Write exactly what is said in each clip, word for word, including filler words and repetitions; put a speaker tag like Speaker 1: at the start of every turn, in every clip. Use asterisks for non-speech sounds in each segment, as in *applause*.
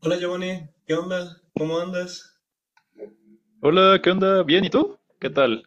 Speaker 1: Hola Giovanni, ¿qué onda? ¿Cómo andas?
Speaker 2: Hola, ¿qué onda? ¿Bien? ¿Y tú? ¿Qué tal?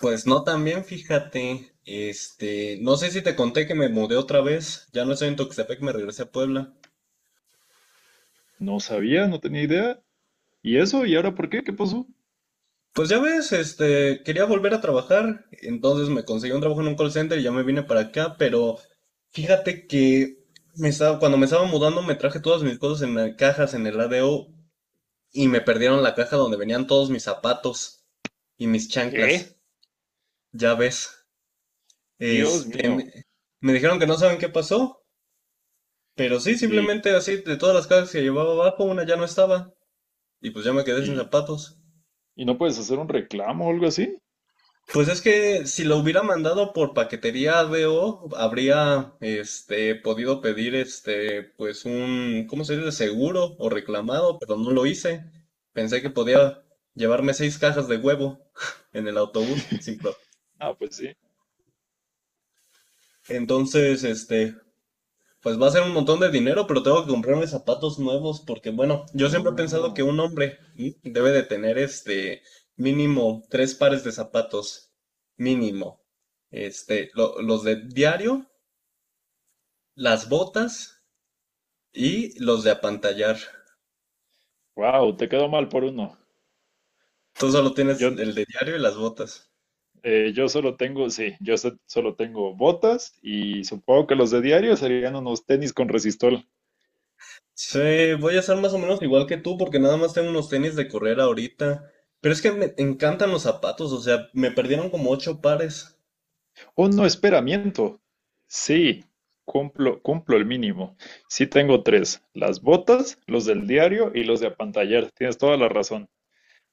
Speaker 1: Pues no tan bien, fíjate. Este, no sé si te conté que me mudé otra vez. Ya no estoy en Tuxtepec, me regresé a Puebla.
Speaker 2: No sabía, no tenía idea. ¿Y eso? ¿Y ahora por qué? ¿Qué pasó?
Speaker 1: Pues ya ves, este, quería volver a trabajar, entonces me conseguí un trabajo en un call center y ya me vine para acá, pero fíjate que me estaba, cuando me estaba mudando me traje todas mis cosas en la- cajas en el A D O y me perdieron la caja donde venían todos mis zapatos y mis
Speaker 2: ¿Qué?
Speaker 1: chanclas. Ya ves,
Speaker 2: Dios
Speaker 1: este,
Speaker 2: mío.
Speaker 1: me dijeron que no saben qué pasó. Pero sí,
Speaker 2: ¿Y,
Speaker 1: simplemente así, de todas las cajas que llevaba abajo, una ya no estaba. Y pues ya me quedé sin
Speaker 2: y,
Speaker 1: zapatos.
Speaker 2: y no puedes hacer un reclamo o algo así?
Speaker 1: Pues es que si lo hubiera mandado por paquetería A D O, habría este podido pedir este pues un ¿cómo se dice? Seguro o reclamado, pero no lo hice. Pensé que podía llevarme seis cajas de huevo *laughs* en el autobús sin pro-
Speaker 2: Ah, pues sí.
Speaker 1: Entonces, este, pues va a ser un montón de dinero, pero tengo que comprarme zapatos nuevos porque, bueno, yo siempre he pensado que
Speaker 2: Oh,
Speaker 1: un hombre ¿sí? debe de tener este mínimo tres pares de zapatos, mínimo. Este, lo- los de diario, las botas y los de apantallar.
Speaker 2: wow, te quedó mal por uno.
Speaker 1: Tú solo
Speaker 2: Yo,
Speaker 1: tienes el de diario y las botas.
Speaker 2: eh, yo solo tengo, sí, yo so- solo tengo botas y supongo que los de diario serían unos tenis con resistol.
Speaker 1: Sí, voy a ser más o menos igual que tú porque nada más tengo unos tenis de correr ahorita. Pero es que me encantan los zapatos, o sea, me perdieron como ocho pares.
Speaker 2: Un no, espera, sí, cumplo, cumplo el mínimo. Sí tengo tres, las botas, los del diario y los de apantallar. Tienes toda la razón.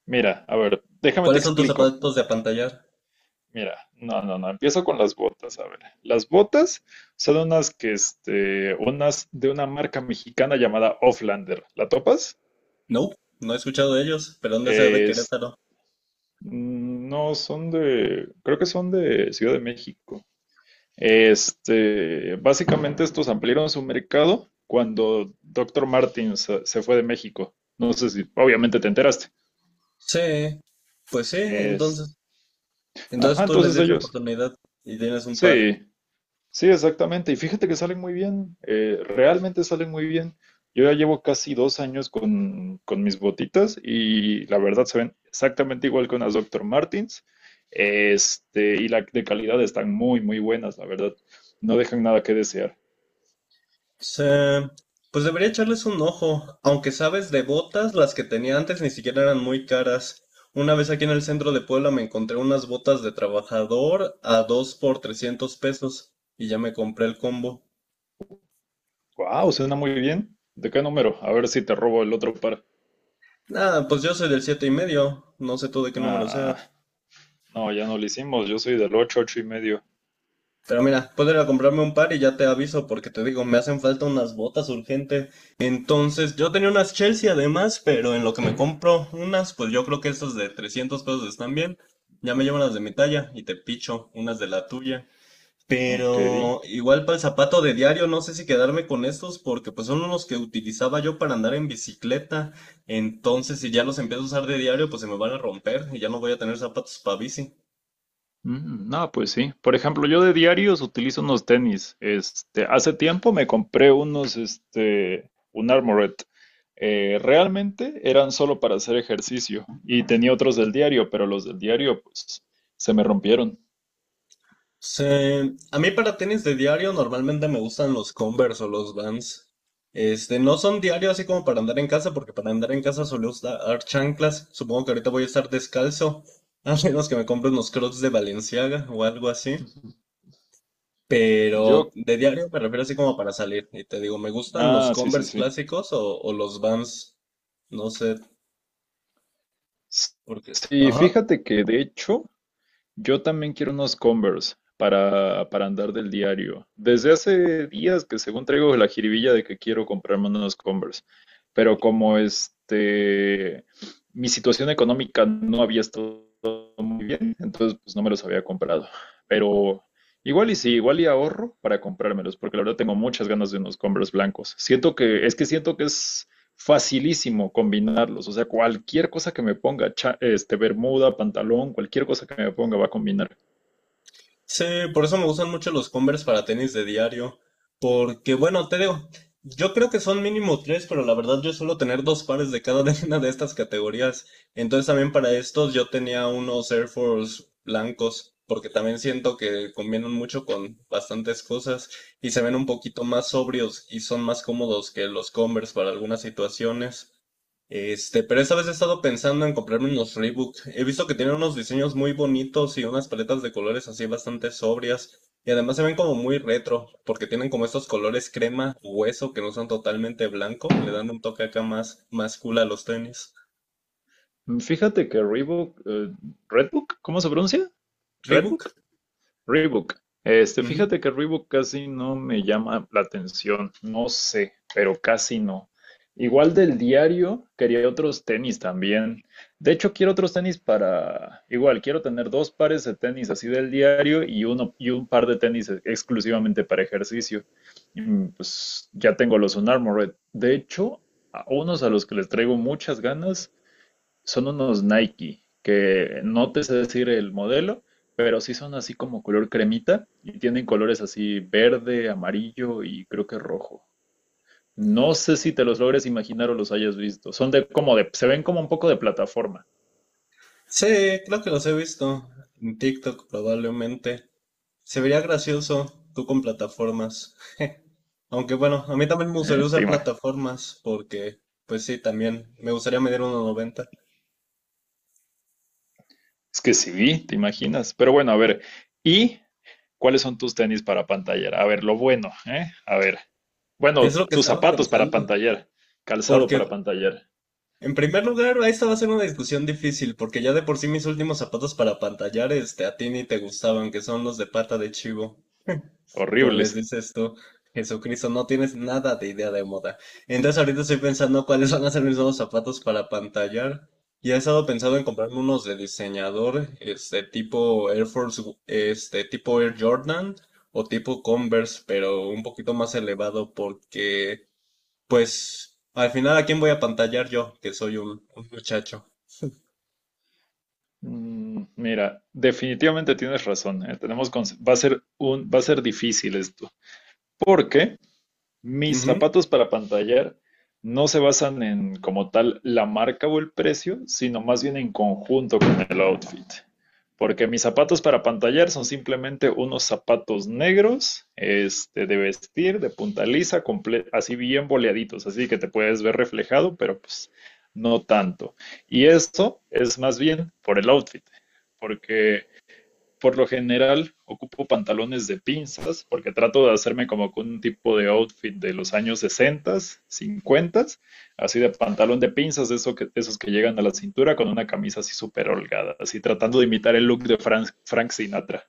Speaker 2: Mira, a ver, déjame te
Speaker 1: ¿Cuáles son tus
Speaker 2: explico.
Speaker 1: zapatos de apantallar?
Speaker 2: Mira, no, no, no, empiezo con las botas. A ver, las botas son unas que, este, unas de una marca mexicana llamada Offlander. ¿La topas?
Speaker 1: No, no he escuchado de ellos, pero han de ser de
Speaker 2: Es,
Speaker 1: Querétaro.
Speaker 2: mm, no, son de, creo que son de Ciudad de México. Este, básicamente estos ampliaron su mercado cuando Doctor Martins se se fue de México. No sé si, obviamente te enteraste.
Speaker 1: Sí, pues sí,
Speaker 2: Es,
Speaker 1: entonces. Entonces
Speaker 2: ajá,
Speaker 1: tú les
Speaker 2: entonces
Speaker 1: diste
Speaker 2: ellos.
Speaker 1: oportunidad y tienes un par.
Speaker 2: Sí, sí, exactamente. Y fíjate que salen muy bien, eh, realmente salen muy bien. Yo ya llevo casi dos años con, con mis botitas y la verdad se ven exactamente igual con las Doctor Martins. Este, y la de calidad están muy, muy buenas, la verdad. No dejan nada que desear.
Speaker 1: Sí, pues debería echarles un ojo. Aunque sabes, de botas, las que tenía antes ni siquiera eran muy caras. Una vez aquí en el centro de Puebla me encontré unas botas de trabajador a dos por trescientos pesos y ya me compré el combo.
Speaker 2: Wow, suena muy bien. ¿De qué número? A ver si te robo el otro par.
Speaker 1: Nada, pues yo soy del siete y medio, no sé tú de qué número seas.
Speaker 2: Ah, no, ya no lo hicimos. Yo soy del ocho ocho y medio.
Speaker 1: Pero mira, puedo ir a comprarme un par y ya te aviso porque te digo, me hacen falta unas botas urgente. Entonces, yo tenía unas Chelsea además, pero en lo que me compro unas, pues yo creo que estas de trescientos pesos están bien. Ya me llevo las de mi talla y te picho unas de la tuya.
Speaker 2: Ok.
Speaker 1: Pero igual para el zapato de diario, no sé si quedarme con estos porque pues son unos que utilizaba yo para andar en bicicleta. Entonces, si ya los empiezo a usar de diario, pues se me van a romper y ya no voy a tener zapatos para bici.
Speaker 2: Mm, no, pues sí. Por ejemplo, yo de diarios utilizo unos tenis. Este, hace tiempo me compré unos, este, un Armored. Eh, realmente eran solo para hacer ejercicio y tenía otros del diario, pero los del diario, pues, se me rompieron.
Speaker 1: Se- a mí para tenis de diario normalmente me gustan los Converse o los Vans. Este, no son diarios así como para andar en casa, porque para andar en casa suelo usar chanclas. Supongo que ahorita voy a estar descalzo, *laughs* a menos que me compre unos Crocs de Balenciaga o algo así. Pero
Speaker 2: Yo,
Speaker 1: de diario me refiero así como para salir. Y te digo, me gustan los
Speaker 2: ah, sí, sí,
Speaker 1: Converse
Speaker 2: sí.
Speaker 1: clásicos o, o los Vans. No sé
Speaker 2: S-
Speaker 1: por qué.
Speaker 2: sí,
Speaker 1: Ajá.
Speaker 2: fíjate que de hecho yo también quiero unos Converse para, para andar del diario. Desde hace días que según traigo la jiribilla de que quiero comprarme unos Converse, pero como este, mi situación económica no había estado muy bien, entonces pues no me los había comprado. Pero igual y sí, igual y ahorro para comprármelos, porque la verdad tengo muchas ganas de unos Converse blancos. Siento que, es que siento que es facilísimo combinarlos. O sea, cualquier cosa que me ponga, cha- este, bermuda, pantalón, cualquier cosa que me ponga va a combinar.
Speaker 1: Sí, por eso me gustan mucho los Converse para tenis de diario. Porque, bueno, te digo, yo creo que son mínimo tres, pero la verdad yo suelo tener dos pares de cada *laughs* de una de estas categorías. Entonces también para estos yo tenía unos Air Force blancos, porque también siento que combinan mucho con bastantes cosas y se ven un poquito más sobrios y son más cómodos que los Converse para algunas situaciones. Este, pero esta vez he estado pensando en comprarme unos Reebok. He visto que tienen unos diseños muy bonitos y unas paletas de colores así bastante sobrias. Y además se ven como muy retro, porque tienen como estos colores crema, hueso, que no son totalmente blanco. Le dan un toque acá más, más cool a los tenis.
Speaker 2: Mm, fíjate que Reebok, eh, Redbook, ¿cómo se pronuncia? ¿Redbook?
Speaker 1: Reebok.
Speaker 2: Reebok. Este,
Speaker 1: Ujú.
Speaker 2: fíjate que Reebok casi no me llama la atención, no sé, pero casi no. Igual del diario, quería otros tenis también. De hecho, quiero otros tenis para, igual, quiero tener dos pares de tenis así del diario y uno y un par de tenis e- exclusivamente para ejercicio. Mm, pues ya tengo los Unarmored. De hecho, a unos a los que les traigo muchas ganas son unos Nike, que no te sé decir el modelo, pero sí son así como color cremita y tienen colores así verde, amarillo y creo que rojo. No sé si te los logres imaginar o los hayas visto. Son de como de, se ven como un poco de plataforma,
Speaker 1: Sí, creo que los he visto. En TikTok probablemente. Se vería gracioso tú con plataformas. Aunque bueno, a mí también me gustaría
Speaker 2: ¿eh? Te
Speaker 1: usar
Speaker 2: ima-
Speaker 1: plataformas, porque pues sí, también me gustaría medir uno noventa.
Speaker 2: es que sí, te imaginas. Pero bueno, a ver, ¿y cuáles son tus tenis para pantallar? A ver, lo bueno, ¿eh? A ver, bueno,
Speaker 1: Es lo que
Speaker 2: tus
Speaker 1: estaba
Speaker 2: zapatos para
Speaker 1: pensando,
Speaker 2: pantallar, calzado
Speaker 1: porque
Speaker 2: para pantallar,
Speaker 1: en primer lugar, esta va a ser una discusión difícil, porque ya de por sí mis últimos zapatos para pantallar, este, a ti ni te gustaban, que son los de pata de chivo, como les
Speaker 2: horribles.
Speaker 1: dices tú, Jesucristo, no tienes nada de idea de moda. Entonces ahorita estoy pensando cuáles van a ser mis nuevos zapatos para pantallar, y he estado pensando en comprarme unos de diseñador, este, tipo Air Force, este, tipo Air Jordan, o tipo Converse, pero un poquito más elevado, porque... Pues al final, ¿a quién voy a pantallar yo? Que soy un, un muchacho.
Speaker 2: Mm, mira, definitivamente tienes razón, ¿eh? Tenemos cons- va a ser un, va a ser difícil esto, porque mis
Speaker 1: Ujú,
Speaker 2: zapatos para pantallar no se basan en como tal la marca o el precio, sino más bien en conjunto con el outfit. Porque mis zapatos para pantallar son simplemente unos zapatos negros, este, de vestir, de punta lisa, comple- así bien boleaditos, así que te puedes ver reflejado, pero pues no tanto. Y esto es más bien por el outfit, porque por lo general ocupo pantalones de pinzas porque trato de hacerme como que un tipo de outfit de los años sesenta, cincuenta, así de pantalón de pinzas, de eso que, de esos que llegan a la cintura con una camisa así súper holgada, así tratando de imitar el look de Frank, Frank Sinatra.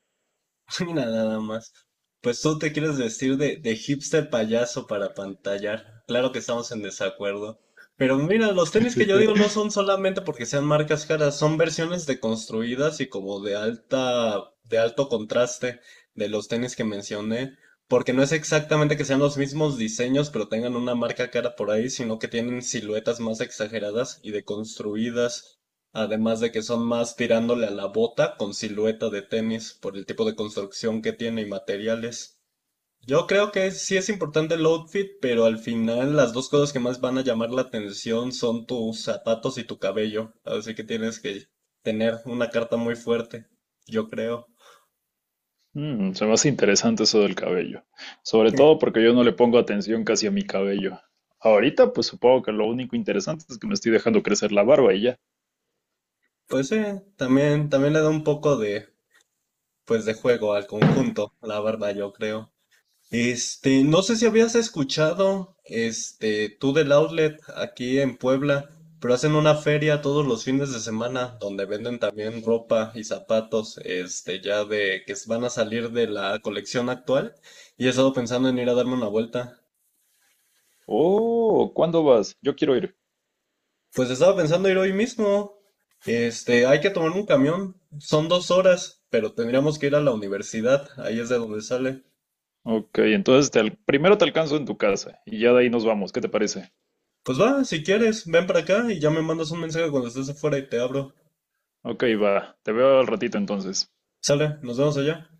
Speaker 1: *laughs* mira, nada más. Pues tú te quieres vestir de, de hipster payaso para pantallar. Claro que estamos en desacuerdo. Pero mira, los tenis que yo digo no son solamente porque sean marcas caras, son versiones deconstruidas y como de alta, de alto contraste de los tenis que mencioné. Porque no es exactamente que sean los mismos diseños, pero tengan una marca cara por ahí, sino que tienen siluetas más exageradas y deconstruidas. Además de que son más tirándole a la bota con silueta de tenis por el tipo de construcción que tiene y materiales. Yo creo que sí es importante el outfit, pero al final las dos cosas que más van a llamar la atención son tus zapatos y tu cabello. Así que tienes que tener una carta muy fuerte, yo creo.
Speaker 2: Mm, se me hace interesante eso del cabello, sobre todo
Speaker 1: *laughs*
Speaker 2: porque yo no le pongo atención casi a mi cabello. Ahorita, pues supongo que lo único interesante es que me estoy dejando crecer la barba y ya.
Speaker 1: Pues sí, también, también le da un poco de, pues de juego al conjunto, la verdad, yo creo. Este, no sé si habías escuchado, este, tú del outlet aquí en Puebla, pero hacen una feria todos los fines de semana donde venden también ropa y zapatos, este, ya de que van a salir de la colección actual y he estado pensando en ir a darme una vuelta.
Speaker 2: Oh, ¿cuándo vas? Yo quiero ir.
Speaker 1: Pues estaba pensando ir hoy mismo. Este, hay que tomar un camión, son dos horas, pero tendríamos que ir a la universidad, ahí es de donde sale.
Speaker 2: Ok, entonces te al- primero te alcanzo en tu casa y ya de ahí nos vamos. ¿Qué te parece?
Speaker 1: Pues va, si quieres, ven para acá y ya me mandas un mensaje cuando estés afuera y te abro.
Speaker 2: Ok, va. Te veo al ratito entonces.
Speaker 1: Sale, nos vemos allá.